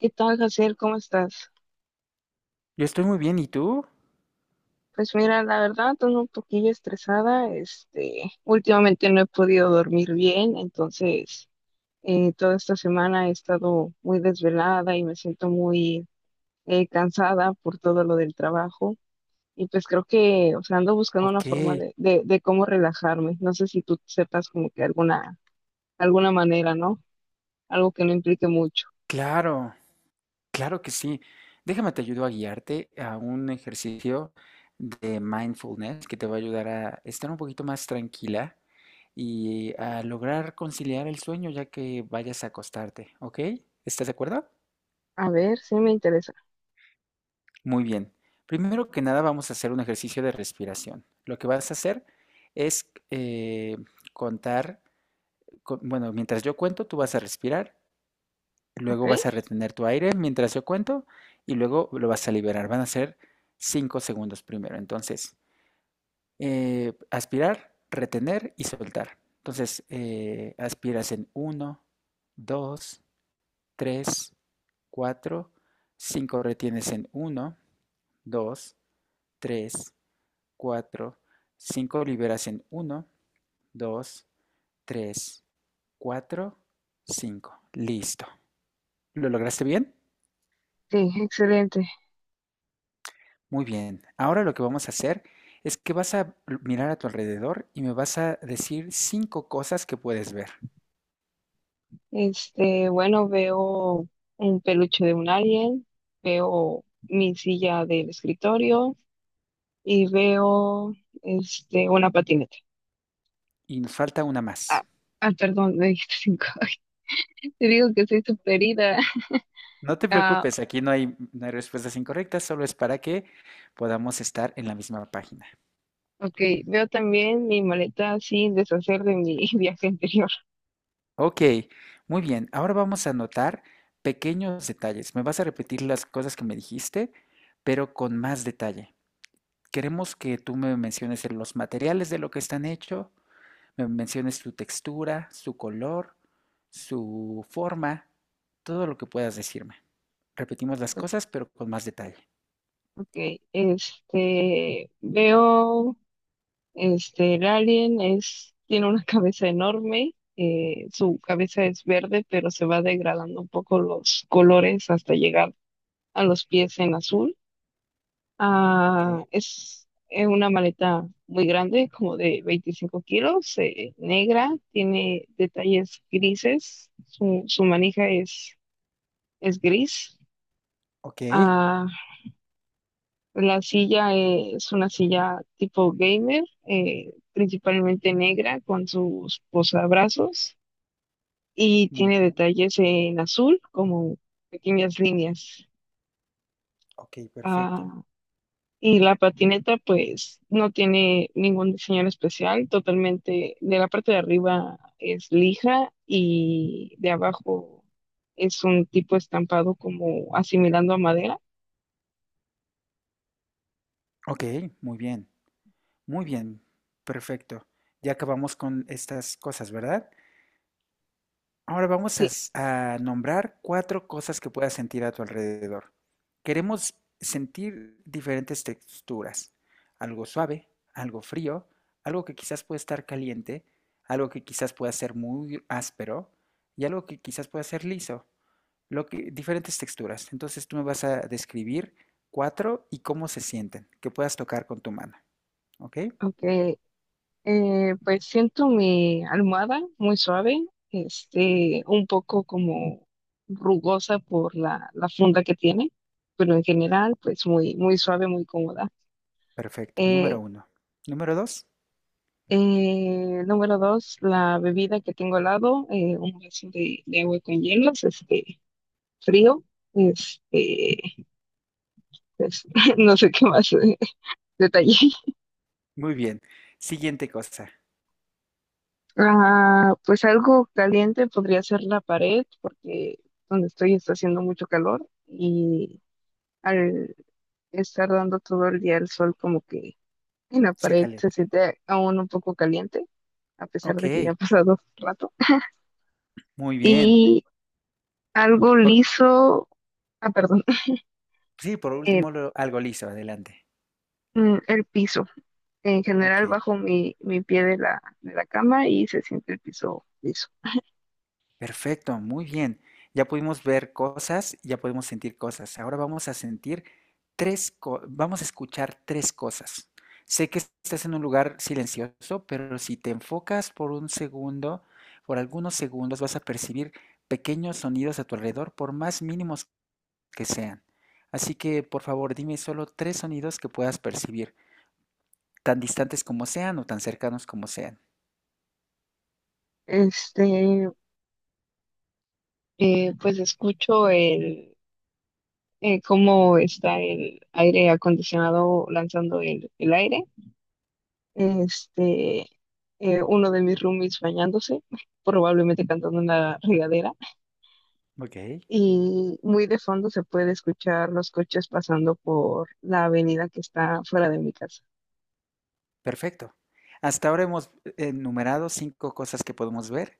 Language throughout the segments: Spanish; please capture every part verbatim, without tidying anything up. ¿Qué tal, Jaciel? ¿Cómo estás? Yo estoy muy bien, ¿y tú? Pues mira, la verdad, ando un poquillo estresada. Este, últimamente no he podido dormir bien, entonces eh, toda esta semana he estado muy desvelada y me siento muy eh, cansada por todo lo del trabajo. Y pues creo que, o sea, ando buscando una Ok, forma de, de, de cómo relajarme. No sé si tú sepas como que alguna, alguna manera, ¿no? Algo que no implique mucho. claro, claro que sí. Déjame te ayudo a guiarte a un ejercicio de mindfulness que te va a ayudar a estar un poquito más tranquila y a lograr conciliar el sueño ya que vayas a acostarte, ¿ok? ¿Estás de acuerdo? A ver, sí me interesa. Muy bien. Primero que nada vamos a hacer un ejercicio de respiración. Lo que vas a hacer es eh, contar, con- bueno, mientras yo cuento, tú vas a respirar. Ok. Luego vas a retener tu aire mientras yo cuento y luego lo vas a liberar. Van a ser cinco segundos primero. Entonces, eh, aspirar, retener y soltar. Entonces, eh, aspiras en uno, dos, tres, cuatro, cinco. Retienes en uno, dos, tres, cuatro, cinco. Liberas en uno, dos, tres, cuatro, cinco. Listo. ¿Lo lograste bien? Sí, excelente. Muy bien, ahora lo que vamos a hacer es que vas a mirar a tu alrededor y me vas a decir cinco cosas que puedes ver. Este, bueno, veo un peluche de un alien, veo mi silla del escritorio y veo, este, una patineta. Y nos falta una Ah, más. ah, perdón, me dijiste cinco. Te digo que soy súper ida. No te Ah, preocupes, aquí no hay, no hay respuestas incorrectas, solo es para que podamos estar en la misma página. ok, veo también mi maleta sin deshacer de mi viaje anterior. Ok, muy bien, ahora vamos a notar pequeños detalles. Me vas a repetir las cosas que me dijiste, pero con más detalle. Queremos que tú me menciones los materiales de lo que están hechos. Me menciones su textura, su color, su forma, todo lo que puedas decirme. Repetimos las cosas, pero con más detalle. Ok, este, veo Este, el alien es, tiene una cabeza enorme. Eh, su cabeza es verde, pero se va degradando un poco los colores hasta llegar a los pies en azul. Ok, Ah, es eh, una maleta muy grande, como de veinticinco kilos, eh, negra, tiene detalles grises, su, su manija es, es gris. ok, Ah, la silla eh, es una silla tipo gamer, eh, principalmente negra con sus posabrazos, y muy tiene bien, detalles en azul como pequeñas líneas. ok, perfecto. Ah, y la patineta pues no tiene ningún diseño en especial, totalmente de la parte de arriba es lija y de abajo es un tipo estampado como asimilando a madera. Ok, muy bien, muy bien, perfecto. Ya acabamos con estas cosas, ¿verdad? Ahora vamos a, Sí, s- a nombrar cuatro cosas que puedas sentir a tu alrededor. Queremos sentir diferentes texturas, algo suave, algo frío, algo que quizás pueda estar caliente, algo que quizás pueda ser muy áspero y algo que quizás pueda ser liso. Lo que, diferentes texturas. Entonces tú me vas a describir cuatro y cómo se sienten, que puedas tocar con tu mano. ¿Ok? ok. Eh, pues siento mi almohada muy suave, este, un poco como rugosa por la, la funda que tiene, pero en general, pues muy, muy suave, muy cómoda. Perfecto. Eh, Número uno. Número dos. Eh, número dos, la bebida que tengo al lado, eh, un vaso de, de agua con hielos, este, frío, este, pues, no sé qué más, eh, detalle. Muy bien. Siguiente cosa. Ah, pues algo caliente podría ser la pared, porque donde estoy está haciendo mucho calor y al estar dando todo el día el sol como que en la Se pared se calienta. siente aún un poco caliente, a pesar de que Ok, ya ha pasado rato. muy bien. Y algo Por, liso, ah, perdón, sí, por el, último, lo- algo liso, adelante. mm, el piso. En Ok, general bajo mi, mi pie de la, de la cama, y se siente el piso liso. perfecto, muy bien. Ya pudimos ver cosas, ya podemos sentir cosas. Ahora vamos a sentir tres, co- vamos a escuchar tres cosas. Sé que estás en un lugar silencioso, pero si te enfocas por un segundo, por algunos segundos, vas a percibir pequeños sonidos a tu alrededor, por más mínimos que sean. Así que, por favor, dime solo tres sonidos que puedas percibir, tan distantes como sean o tan cercanos como sean. Este, eh, pues escucho el eh, cómo está el aire acondicionado lanzando el, el aire. Este, eh, Uno de mis roomies bañándose, probablemente cantando en la regadera. Ok, Y muy de fondo se puede escuchar los coches pasando por la avenida que está fuera de mi casa. perfecto. Hasta ahora hemos enumerado cinco cosas que podemos ver,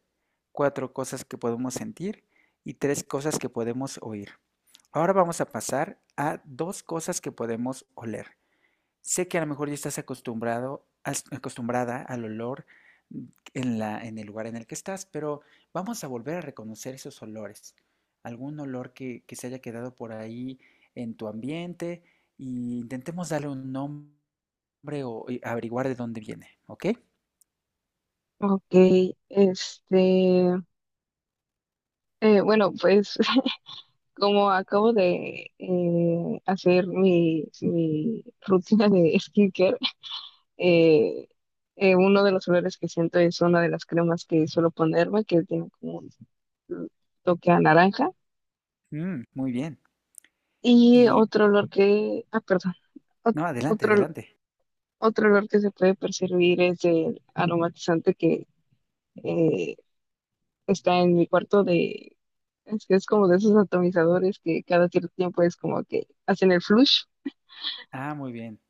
cuatro cosas que podemos sentir y tres cosas que podemos oír. Ahora vamos a pasar a dos cosas que podemos oler. Sé que a lo mejor ya estás acostumbrado, acostumbrada al olor en la, en el lugar en el que estás, pero vamos a volver a reconocer esos olores. Algún olor que, que se haya quedado por ahí en tu ambiente y intentemos darle un nombre o averiguar de dónde viene, ¿ok? Ok, este, eh, bueno, pues como acabo de eh, hacer mi, mi rutina de skincare. Eh, eh, Uno de los olores que siento es una de las cremas que suelo ponerme, que tiene como un toque a naranja. Mm, muy bien. Y Y otro olor que, ah, perdón, ot- no, adelante, otro, adelante. otro olor que se puede percibir es el aromatizante que eh, está en mi cuarto de, es que es como de esos atomizadores que cada cierto tiempo es como que hacen el flush. Ah, muy bien.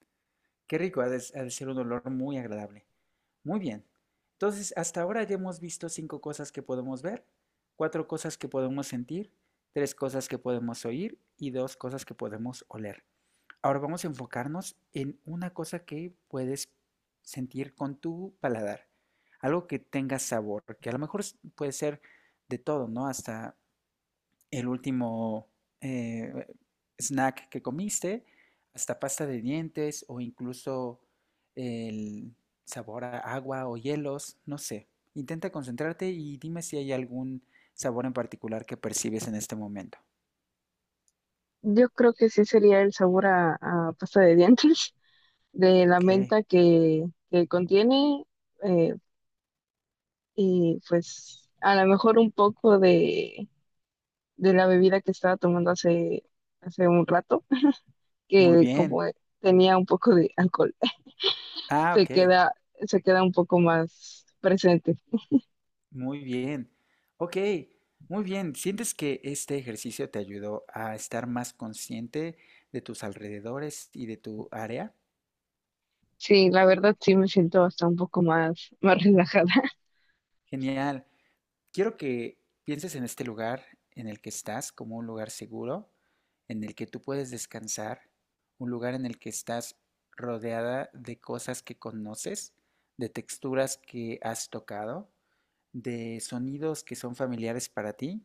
Qué rico, ha de, ha de ser un olor muy agradable. Muy bien. Entonces, hasta ahora ya hemos visto cinco cosas que podemos ver, cuatro cosas que podemos sentir, tres cosas que podemos oír y dos cosas que podemos oler. Ahora vamos a enfocarnos en una cosa que puedes sentir con tu paladar, algo que tenga sabor, que a lo mejor puede ser de todo, ¿no? Hasta el último eh, snack que comiste, hasta pasta de dientes o incluso el sabor a agua o hielos, no sé. Intenta concentrarte y dime si hay algún sabor en particular que percibes en este momento. Yo creo que sí sería el sabor a, a pasta de dientes, de la Ok, menta que, que contiene, eh, y pues a lo mejor un poco de, de la bebida que estaba tomando hace, hace un rato, muy que bien. como tenía un poco de alcohol, Ah, se ok, queda, se queda un poco más presente. muy bien. Ok, muy bien. ¿Sientes que este ejercicio te ayudó a estar más consciente de tus alrededores y de tu área? Sí, la verdad sí me siento hasta un poco más, más relajada. Genial. Quiero que pienses en este lugar en el que estás como un lugar seguro, en el que tú puedes descansar, un lugar en el que estás rodeada de cosas que conoces, de texturas que has tocado, de sonidos que son familiares para ti,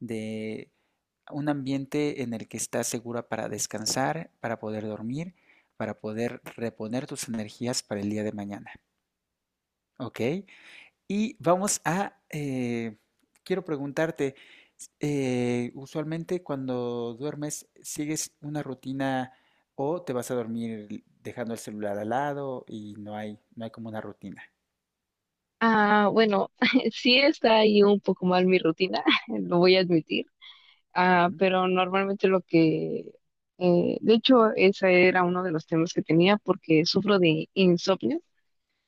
de un ambiente en el que estás segura para descansar, para poder dormir, para poder reponer tus energías para el día de mañana. ¿Ok? Y vamos a, eh, Quiero preguntarte, eh, usualmente cuando duermes, ¿sigues una rutina o te vas a dormir dejando el celular al lado y no hay, no hay como una rutina? Ah, bueno, sí está ahí un poco mal mi rutina, lo voy a admitir. Ah, Ujú, pero normalmente, lo que, eh, de hecho, ese era uno de los temas que tenía porque sufro de insomnio.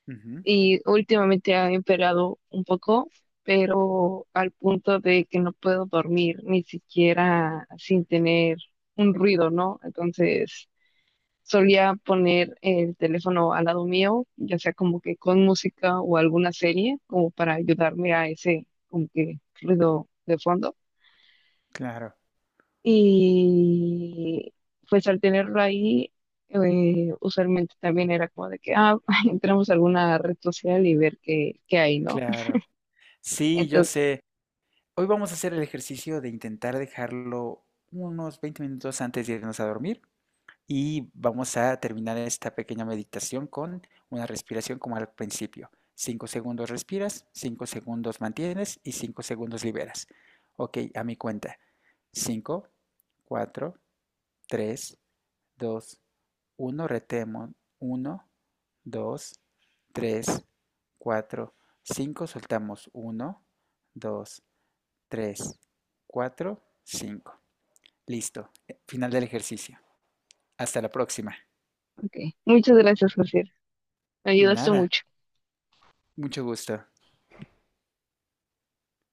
ujú, Y últimamente ha empeorado un poco, pero al punto de que no puedo dormir ni siquiera sin tener un ruido, ¿no? Entonces solía poner el teléfono al lado mío, ya sea como que con música o alguna serie, como para ayudarme a ese como que ruido de fondo. claro, Y pues al tenerlo ahí, eh, usualmente también era como de que, ah, entramos a alguna red social y ver qué, qué hay, ¿no? claro. Sí, yo Entonces, sé. Hoy vamos a hacer el ejercicio de intentar dejarlo unos veinte minutos antes de irnos a dormir. Y vamos a terminar esta pequeña meditación con una respiración como al principio. Cinco segundos respiras, cinco segundos mantienes y cinco segundos liberas. Ok, a mi cuenta. Cinco, cuatro, tres, dos, uno. Retemos. Uno, dos, tres, cuatro, cinco. Soltamos. Uno, dos, tres, cuatro, cinco. Listo. Final del ejercicio. Hasta la próxima. ok. Muchas gracias, José. Me ayudaste Nada. mucho. Mucho gusto.